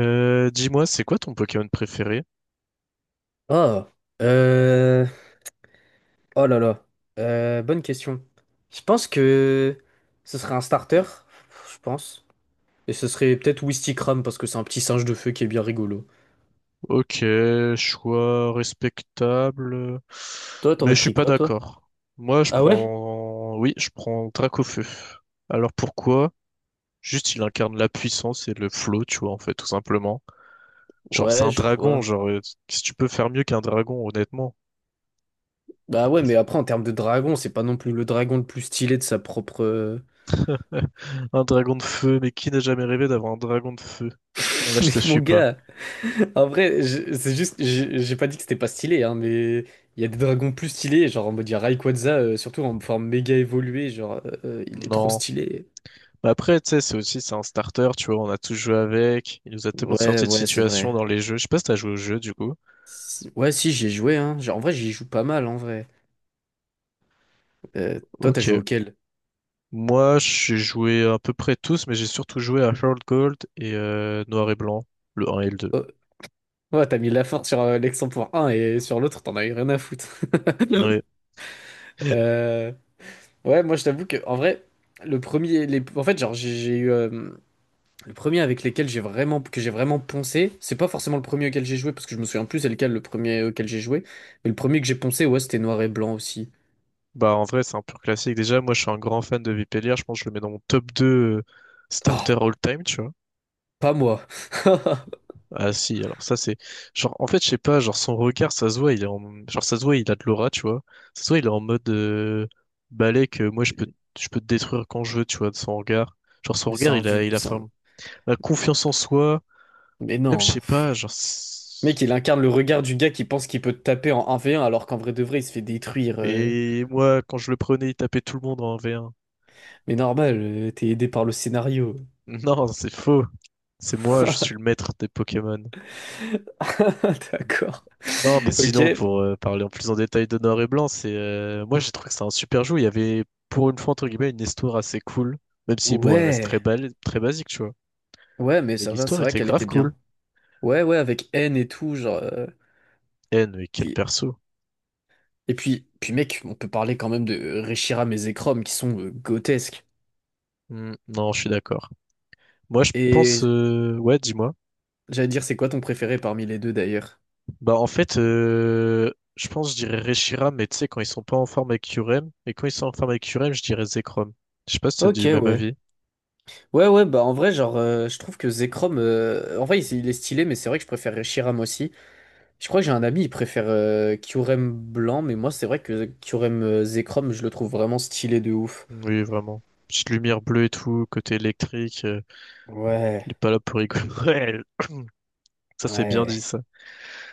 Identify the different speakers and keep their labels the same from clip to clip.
Speaker 1: Dis-moi, c'est quoi ton Pokémon préféré?
Speaker 2: Oh, euh, oh là là, bonne question. Je pense que ce serait un starter, je pense. Et ce serait peut-être Wistikram parce que c'est un petit singe de feu qui est bien rigolo.
Speaker 1: Ok, choix respectable,
Speaker 2: Toi,
Speaker 1: mais
Speaker 2: t'aurais
Speaker 1: je suis
Speaker 2: pris
Speaker 1: pas
Speaker 2: quoi, toi?
Speaker 1: d'accord. Moi, je
Speaker 2: Ah ouais?
Speaker 1: prends, oui, je prends Dracofeu. Alors pourquoi? Juste, il incarne la puissance et le flow, tu vois, en fait, tout simplement. Genre, c'est
Speaker 2: Ouais,
Speaker 1: un
Speaker 2: je
Speaker 1: dragon,
Speaker 2: vois.
Speaker 1: qu'est-ce que tu peux faire mieux qu'un dragon, honnêtement?
Speaker 2: Bah ouais, mais après, en termes de dragon, c'est pas non plus le dragon le plus stylé de sa propre.
Speaker 1: Un dragon de feu, mais qui n'a jamais rêvé d'avoir un dragon de feu? Là, je
Speaker 2: Mais
Speaker 1: te
Speaker 2: mon
Speaker 1: suis pas.
Speaker 2: gars! En vrai, c'est juste, j'ai pas dit que c'était pas stylé, hein, mais il y a des dragons plus stylés, genre en mode il y a Rayquaza, surtout en forme méga évoluée, genre il est trop
Speaker 1: Non.
Speaker 2: stylé.
Speaker 1: Mais après, tu sais, c'est aussi, c'est un starter, tu vois, on a tous joué avec. Il nous a tellement
Speaker 2: Ouais,
Speaker 1: sorti de
Speaker 2: ouais, c'est
Speaker 1: situations
Speaker 2: vrai.
Speaker 1: dans les jeux. Je sais pas si t'as joué au jeu, du coup.
Speaker 2: Ouais, si, j'ai joué, hein. Genre, en vrai, j'y joue pas mal, en vrai. Toi, t'as joué
Speaker 1: Ok.
Speaker 2: auquel?
Speaker 1: Moi, j'ai joué à peu près tous, mais j'ai surtout joué à World Gold et Noir et Blanc, le 1 et le 2.
Speaker 2: Oh, ouais, t'as mis la force sur l'ex-1.1 et sur l'autre, t'en as eu rien à foutre.
Speaker 1: Ouais.
Speaker 2: Euh, Ouais, moi, je t'avoue que, en vrai, le premier, en fait, genre, j'ai eu. Le premier avec lesquels j'ai vraiment, que j'ai vraiment poncé, c'est pas forcément le premier auquel j'ai joué, parce que je me souviens plus c'est lequel le premier auquel j'ai joué, mais le premier que j'ai poncé, ouais, c'était noir et blanc aussi.
Speaker 1: Bah, en vrai, c'est un pur classique. Déjà, moi, je suis un grand fan de Vipellier. Je pense que je le mets dans mon top 2 euh,
Speaker 2: Oh,
Speaker 1: starter all-time, tu vois.
Speaker 2: pas moi.
Speaker 1: Ah si, alors ça c'est genre en fait je sais pas, genre son regard ça se voit, il est en. Genre ça se voit, il a de l'aura, tu vois. Ça se voit, il est en mode balai que moi je peux te détruire quand je veux, tu vois, de son regard. Genre son
Speaker 2: Mais c'est
Speaker 1: regard,
Speaker 2: un,
Speaker 1: il a
Speaker 2: vieux-
Speaker 1: il a
Speaker 2: c'est un-
Speaker 1: la confiance en soi,
Speaker 2: Mais
Speaker 1: même je
Speaker 2: non.
Speaker 1: sais pas,
Speaker 2: Mec, il incarne le regard du gars qui pense qu'il peut te taper en un v 1 alors qu'en vrai de vrai, il se fait détruire.
Speaker 1: et moi quand je le prenais, il tapait tout le monde en V1.
Speaker 2: Mais normal, t'es aidé par le scénario.
Speaker 1: Non, c'est faux. C'est moi, je suis le maître des Pokémon.
Speaker 2: D'accord.
Speaker 1: Non, mais sinon,
Speaker 2: Ok.
Speaker 1: pour parler en plus en détail de Noir et Blanc, c'est moi j'ai trouvé que c'était un super jeu. Il y avait pour une fois entre guillemets une histoire assez cool, même si bon, elle reste
Speaker 2: Ouais.
Speaker 1: très belle, très basique, tu vois.
Speaker 2: Ouais, mais
Speaker 1: Mais
Speaker 2: ça va,
Speaker 1: l'histoire
Speaker 2: c'est vrai
Speaker 1: était
Speaker 2: qu'elle
Speaker 1: grave
Speaker 2: était
Speaker 1: cool.
Speaker 2: bien. Ouais, ouais, avec N et tout.
Speaker 1: N mais quel perso.
Speaker 2: Et puis mec, on peut parler quand même de Reshiram et Zekrom qui sont grotesques.
Speaker 1: Hmm, non, je suis d'accord. Moi, je pense,
Speaker 2: Et
Speaker 1: ouais, dis-moi.
Speaker 2: j'allais dire, c'est quoi ton préféré parmi les deux d'ailleurs?
Speaker 1: Bah en fait, je pense je dirais Reshiram, mais tu sais, quand ils sont pas en forme avec Curem, et quand ils sont en forme avec Curem, je dirais Zekrom. Je sais pas si t'as
Speaker 2: Ok,
Speaker 1: du même
Speaker 2: ouais.
Speaker 1: avis.
Speaker 2: Ouais, ouais, bah en vrai, genre, je trouve que Zekrom, en vrai, il est stylé, mais c'est vrai que je préfère Reshiram aussi. Je crois que j'ai un ami, il préfère Kyurem blanc, mais moi, c'est vrai que Kyurem Zekrom, je le trouve vraiment stylé de ouf.
Speaker 1: Oui, vraiment. Petite lumière bleue et tout, côté électrique,
Speaker 2: Ouais,
Speaker 1: il est pas là pour rigoler. Ouais, ça c'est bien dit
Speaker 2: ouais,
Speaker 1: ça.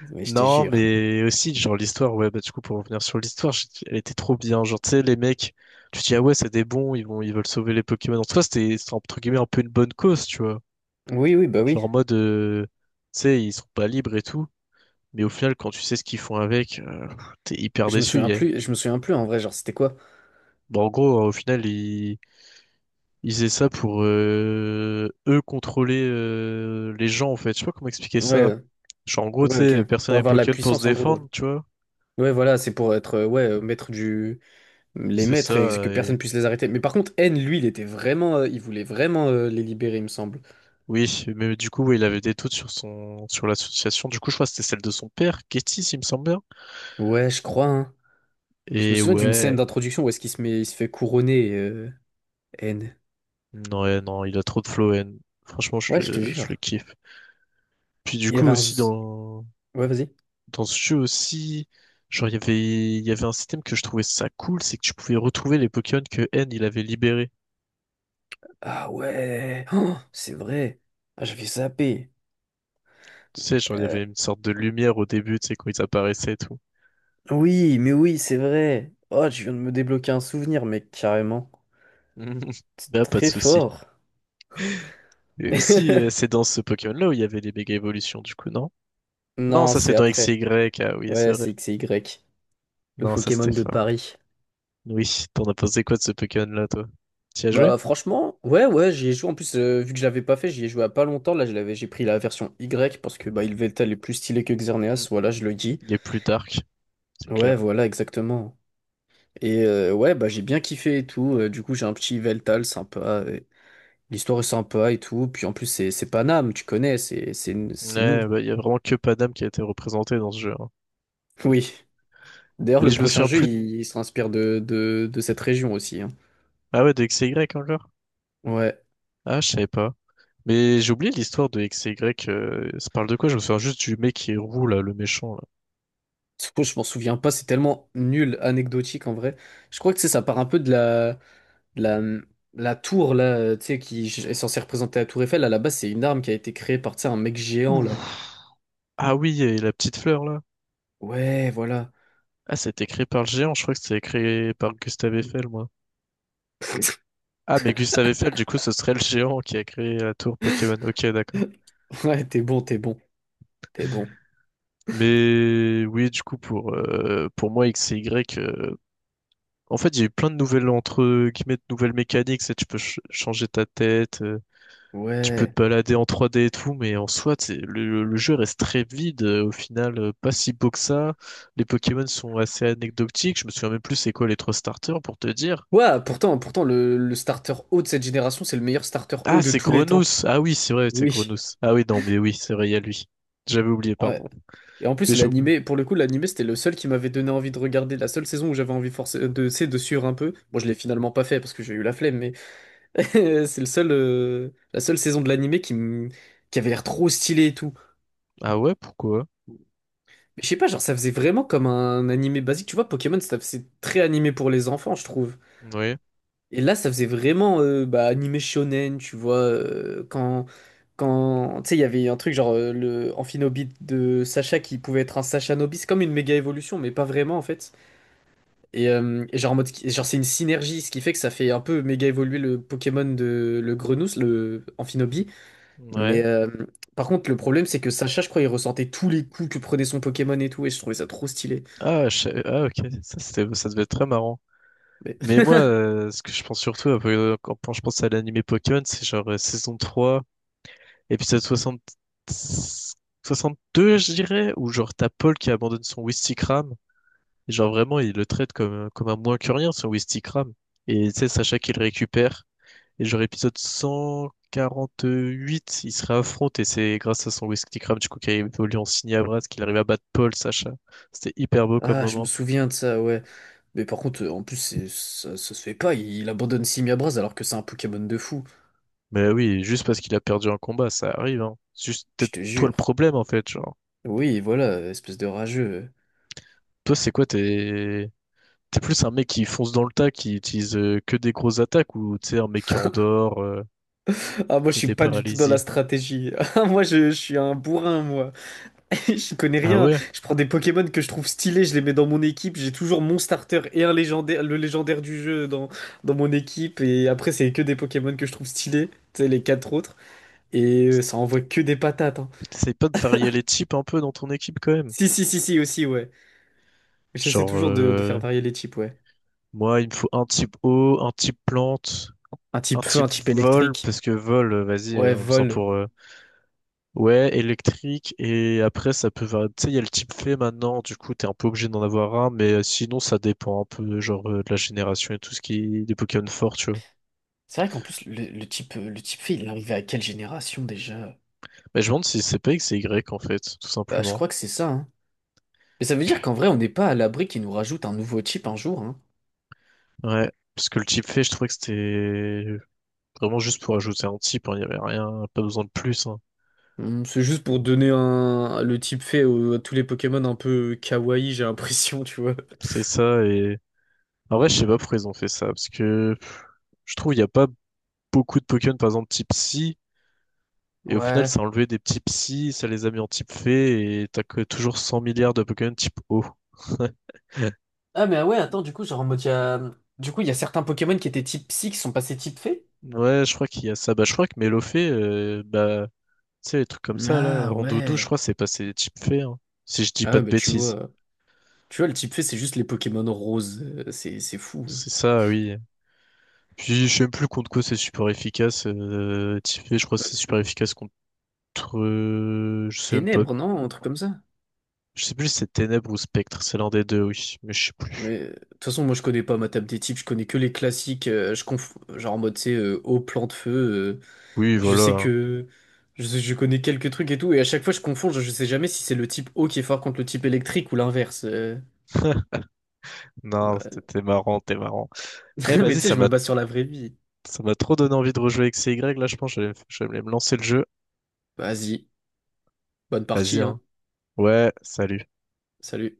Speaker 2: mais je te
Speaker 1: Non,
Speaker 2: jure.
Speaker 1: mais aussi, genre, l'histoire, ouais, bah, du coup, pour revenir sur l'histoire, elle était trop bien. Genre, tu sais, les mecs, tu te dis, ah ouais, c'est des bons, ils veulent sauver les Pokémon. En tout cas, c'était, entre guillemets, un peu une bonne cause, tu vois.
Speaker 2: Oui, oui, bah
Speaker 1: Genre,
Speaker 2: oui.
Speaker 1: en mode, euh, tu sais, ils sont pas libres et tout. Mais au final, quand tu sais ce qu'ils font avec, t'es hyper
Speaker 2: Je me
Speaker 1: déçu,
Speaker 2: souviens
Speaker 1: yeah.
Speaker 2: plus, je me souviens plus en vrai, genre, c'était quoi?
Speaker 1: Bon, en gros, au final, ils faisaient ça pour, eux contrôler, les gens, en fait. Je sais pas comment expliquer
Speaker 2: Ouais,
Speaker 1: ça. Genre, en gros, tu
Speaker 2: ouais, ok.
Speaker 1: sais, personne
Speaker 2: Pour
Speaker 1: n'avait
Speaker 2: avoir de la
Speaker 1: Pokémon pour se
Speaker 2: puissance en gros.
Speaker 1: défendre, tu vois.
Speaker 2: Ouais, voilà, c'est pour être ouais, maître du les
Speaker 1: C'est
Speaker 2: maîtres et
Speaker 1: ça.
Speaker 2: que personne puisse les arrêter. Mais par contre, N, lui, il était vraiment il voulait vraiment les libérer, il me semble.
Speaker 1: Oui, mais du coup, oui, il avait des doutes sur sur l'association. Du coup, je crois que c'était celle de son père, Getty, s'il me semble bien.
Speaker 2: Ouais, je crois, hein. Je me
Speaker 1: Et
Speaker 2: souviens d'une scène
Speaker 1: ouais,
Speaker 2: d'introduction où est-ce qu'il se fait couronner N.
Speaker 1: non, ouais, non, il a trop de flow, N. Franchement,
Speaker 2: Ouais, je te
Speaker 1: je
Speaker 2: jure.
Speaker 1: le kiffe. Puis du
Speaker 2: Il y
Speaker 1: coup,
Speaker 2: avait un z- Ouais, vas-y.
Speaker 1: dans ce jeu aussi, genre, il y avait un système que je trouvais ça cool, c'est que tu pouvais retrouver les Pokémon que N, il avait libérés.
Speaker 2: Ah ouais. Oh, c'est vrai. Ah, j'avais zappé.
Speaker 1: Tu sais, genre, il y
Speaker 2: Euh,
Speaker 1: avait une sorte de lumière au début, tu sais, quand ils apparaissaient et tout.
Speaker 2: oui, mais oui, c'est vrai. Oh, tu viens de me débloquer un souvenir, mec, carrément. C'est
Speaker 1: Bah pas de
Speaker 2: très
Speaker 1: souci.
Speaker 2: fort.
Speaker 1: Et aussi, c'est dans ce Pokémon-là où il y avait les méga évolutions, du coup, non? Non,
Speaker 2: Non,
Speaker 1: ça c'est
Speaker 2: c'est
Speaker 1: dans X
Speaker 2: après.
Speaker 1: Y, ah oui, c'est
Speaker 2: Ouais,
Speaker 1: vrai.
Speaker 2: c'est X et Y. Le
Speaker 1: Non, ça
Speaker 2: Pokémon
Speaker 1: c'était
Speaker 2: de
Speaker 1: fort.
Speaker 2: Paris.
Speaker 1: Oui, t'en as pensé quoi de ce Pokémon-là, toi? T'y as joué?
Speaker 2: Bah franchement, ouais ouais, j'y ai joué en plus vu que je l'avais pas fait, j'y ai joué à pas longtemps. Là, je l'avais, j'ai pris la version Y parce que bah Yveltal est plus stylé que
Speaker 1: Mhm.
Speaker 2: Xerneas, voilà, je le dis.
Speaker 1: Il est plus dark, c'est clair.
Speaker 2: Ouais, voilà, exactement. Et ouais, bah j'ai bien kiffé et tout. Du coup, j'ai un petit Veltal sympa et l'histoire est sympa et tout. Puis en plus, c'est Paname, tu connais, c'est nous.
Speaker 1: Ouais, bah, il y a vraiment que Paname qui a été représenté dans ce jeu, hein.
Speaker 2: Oui. D'ailleurs,
Speaker 1: Mais
Speaker 2: le
Speaker 1: je me
Speaker 2: prochain
Speaker 1: souviens
Speaker 2: jeu,
Speaker 1: plus.
Speaker 2: il s'inspire de cette région aussi, hein.
Speaker 1: Ah ouais, de X Y encore?
Speaker 2: Ouais.
Speaker 1: Ah, je savais pas. Mais j'ai oublié l'histoire de XY. Ça parle de quoi? Je me souviens juste du mec qui est roux, là, le méchant, là.
Speaker 2: Tsuko, je m'en souviens pas, c'est tellement nul, anecdotique en vrai. Je crois que tu sais, ça part un peu de la tour là, tu sais, qui est censée représenter la tour Eiffel. À la base, c'est une arme qui a été créée par, tu sais, un mec géant là.
Speaker 1: Ouh. Ah oui, et la petite fleur, là.
Speaker 2: Ouais, voilà.
Speaker 1: Ah, c'était créé par le géant. Je crois que c'était créé par Gustave Eiffel, moi. Ah, mais Gustave Eiffel, du coup, ce serait le géant qui a créé la tour Pokémon. Ok, d'accord.
Speaker 2: Ouais, t'es bon, t'es bon, t'es bon.
Speaker 1: Mais oui, du coup, pour moi, X et Y, en fait, il y a eu plein de nouvelles, entre guillemets, de nouvelles mécaniques. C'est Tu peux changer ta tête, tu peux te
Speaker 2: Ouais.
Speaker 1: balader en 3D et tout, mais en soi, t'sais, le jeu reste très vide au final, pas si beau que ça. Les Pokémon sont assez anecdotiques. Je me souviens même plus c'est quoi les trois starters pour te dire.
Speaker 2: Ouais, pourtant le starter haut de cette génération, c'est le meilleur starter haut
Speaker 1: Ah,
Speaker 2: de
Speaker 1: c'est
Speaker 2: tous les temps.
Speaker 1: Grenousse. Ah oui, c'est vrai, c'est
Speaker 2: Oui.
Speaker 1: Grenousse. Ah oui, non, mais oui, c'est vrai, il y a lui. J'avais oublié,
Speaker 2: Ouais.
Speaker 1: pardon.
Speaker 2: Et en
Speaker 1: Mais
Speaker 2: plus,
Speaker 1: j'ai oublié.
Speaker 2: l'animé, pour le coup, l'animé, c'était le seul qui m'avait donné envie de regarder. La seule saison où j'avais envie forcé c'est de suivre un peu. Bon, je l'ai finalement pas fait parce que j'ai eu la flemme, mais c'est le seul, la seule saison de l'animé qui avait l'air trop stylée et tout.
Speaker 1: Ah ouais, pourquoi?
Speaker 2: Mais je sais pas, genre, ça faisait vraiment comme un animé basique. Tu vois, Pokémon, c'est très animé pour les enfants, je trouve.
Speaker 1: Oui,
Speaker 2: Et là, ça faisait vraiment bah, animé shonen, tu vois, quand, tu sais, il y avait un truc genre le Amphinobit de Sacha qui pouvait être un Sacha Nobis, c'est comme une méga évolution, mais pas vraiment en fait. Et genre, en mode, et genre c'est une synergie, ce qui fait que ça fait un peu méga évoluer le Pokémon de le Grenousse, le Amphinobi.
Speaker 1: ouais.
Speaker 2: Mais par contre, le problème, c'est que Sacha, je crois, il ressentait tous les coups que prenait son Pokémon et tout, et je trouvais ça trop stylé.
Speaker 1: Ah, ah ok, ça, ça devait être très marrant.
Speaker 2: Mais...
Speaker 1: Mais moi, ce que je pense surtout un peu, quand je pense à l'animé Pokémon, c'est genre saison 3, épisode soixante deux je dirais, où genre t'as Paul qui abandonne son Wistikram. Et genre vraiment, il le traite comme un moins que rien, son Wistikram. Et tu sais, Sacha qui le récupère. Et genre épisode 148 il se réaffronte et c'est grâce à son whisky crab du coup qui a évolué en Signabras qu'il arrive à battre Paul, Sacha. C'était hyper beau comme
Speaker 2: Ah, je me
Speaker 1: moment.
Speaker 2: souviens de ça, ouais. Mais par contre, en plus, ça se fait pas. Il abandonne Simiabras alors que c'est un Pokémon de fou.
Speaker 1: Mais oui, juste parce qu'il a perdu un combat, ça arrive, hein. C'est juste
Speaker 2: Je
Speaker 1: peut-être
Speaker 2: te
Speaker 1: toi le
Speaker 2: jure.
Speaker 1: problème en fait, genre.
Speaker 2: Oui, voilà, espèce de rageux.
Speaker 1: Toi c'est quoi, t'es… T'es plus un mec qui fonce dans le tas, qui utilise que des grosses attaques, ou tu sais, un mec qui endort,
Speaker 2: Ah, moi, je
Speaker 1: et
Speaker 2: suis
Speaker 1: des
Speaker 2: pas du tout dans la
Speaker 1: paralysies.
Speaker 2: stratégie. Ah, moi, je suis un bourrin, moi. Je connais
Speaker 1: Ah
Speaker 2: rien.
Speaker 1: ouais?
Speaker 2: Je prends des Pokémon que je trouve stylés, je les mets dans mon équipe. J'ai toujours mon starter et un légendaire, le légendaire du jeu dans mon équipe. Et après, c'est que des Pokémon que je trouve stylés. Tu sais, les quatre autres. Et ça envoie que des patates, hein.
Speaker 1: T'essayes pas de varier les types un peu dans ton équipe quand même.
Speaker 2: Si, si, si, si, aussi, ouais. J'essaie
Speaker 1: Genre,
Speaker 2: toujours de faire
Speaker 1: euh,
Speaker 2: varier les types, ouais.
Speaker 1: moi, il me faut un type eau, un type plante,
Speaker 2: Un
Speaker 1: un
Speaker 2: type feu, un
Speaker 1: type
Speaker 2: type
Speaker 1: vol,
Speaker 2: électrique.
Speaker 1: parce que vol, euh, vas-y,
Speaker 2: Ouais,
Speaker 1: euh, en besoin
Speaker 2: vol.
Speaker 1: pour… ouais, électrique, et après, ça peut… tu sais, il y a le type fait maintenant, du coup, t'es un peu obligé d'en avoir un, mais sinon, ça dépend un peu, de la génération et tout ce qui est des Pokémon forts, tu vois.
Speaker 2: C'est vrai qu'en plus, le type fait, il est arrivé à quelle génération déjà?
Speaker 1: Mais je me demande si c'est pas X et Y, en fait, tout
Speaker 2: Bah, je
Speaker 1: simplement.
Speaker 2: crois que c'est ça, hein. Mais ça veut dire qu'en vrai, on n'est pas à l'abri qu'ils nous rajoutent un nouveau type un jour, hein.
Speaker 1: Ouais, parce que le type fait, je trouvais que c'était vraiment juste pour ajouter un type, hein, il y avait rien, pas besoin de plus, hein.
Speaker 2: Hmm, c'est juste pour donner le type fait à tous les Pokémon un peu kawaii, j'ai l'impression, tu vois.
Speaker 1: C'est ça, et… En vrai, je sais pas pourquoi ils ont fait ça, parce que je trouve il y a pas beaucoup de Pokémon, par exemple, type psy. Et au final,
Speaker 2: Ouais.
Speaker 1: ça a enlevé des petits psys, ça les a mis en type fée, et t'as que toujours 100 milliards de Pokémon type O.
Speaker 2: Ah, mais ouais, attends, du coup, genre en mode, il y a. Du coup, il y a certains Pokémon qui étaient type psy qui sont passés type fée?
Speaker 1: Ouais, je crois qu'il y a ça. Bah, je crois que Mélofée, tu sais, les trucs comme ça, là,
Speaker 2: Ah
Speaker 1: Rondoudou, je
Speaker 2: ouais.
Speaker 1: crois, c'est passé type fée, hein, si je dis
Speaker 2: Ah
Speaker 1: pas
Speaker 2: ouais,
Speaker 1: de
Speaker 2: bah tu
Speaker 1: bêtises.
Speaker 2: vois. Tu vois, le type fait, c'est juste les Pokémon roses. C'est fou.
Speaker 1: C'est ça, oui. Puis, je sais même plus contre quoi c'est super efficace. Type fée, je crois que
Speaker 2: Ouais.
Speaker 1: c'est super efficace contre, je sais même pas.
Speaker 2: Ténèbres, non? Un truc comme ça.
Speaker 1: Je sais plus si c'est Ténèbres ou Spectre, c'est l'un des deux, oui, mais je sais plus.
Speaker 2: Mais de toute façon, moi, je connais pas ma table des types. Je connais que les classiques. Genre en mode, tu sais, eau, plan de feu.
Speaker 1: Oui,
Speaker 2: Je
Speaker 1: voilà,
Speaker 2: sais
Speaker 1: hein.
Speaker 2: que. Je connais quelques trucs et tout. Et à chaque fois, je confonds. Je sais jamais si c'est le type eau qui est fort contre le type électrique ou l'inverse.
Speaker 1: Non,
Speaker 2: Bah,
Speaker 1: c'était marrant, t'es marrant. Eh,
Speaker 2: mais
Speaker 1: vas-y,
Speaker 2: tu sais, je me base sur la vraie vie.
Speaker 1: ça m'a trop donné envie de rejouer avec C Y. Là, je pense que je vais me lancer le jeu.
Speaker 2: Vas-y. Bonne
Speaker 1: Vas-y,
Speaker 2: partie,
Speaker 1: hein.
Speaker 2: hein.
Speaker 1: Ouais, salut.
Speaker 2: Salut.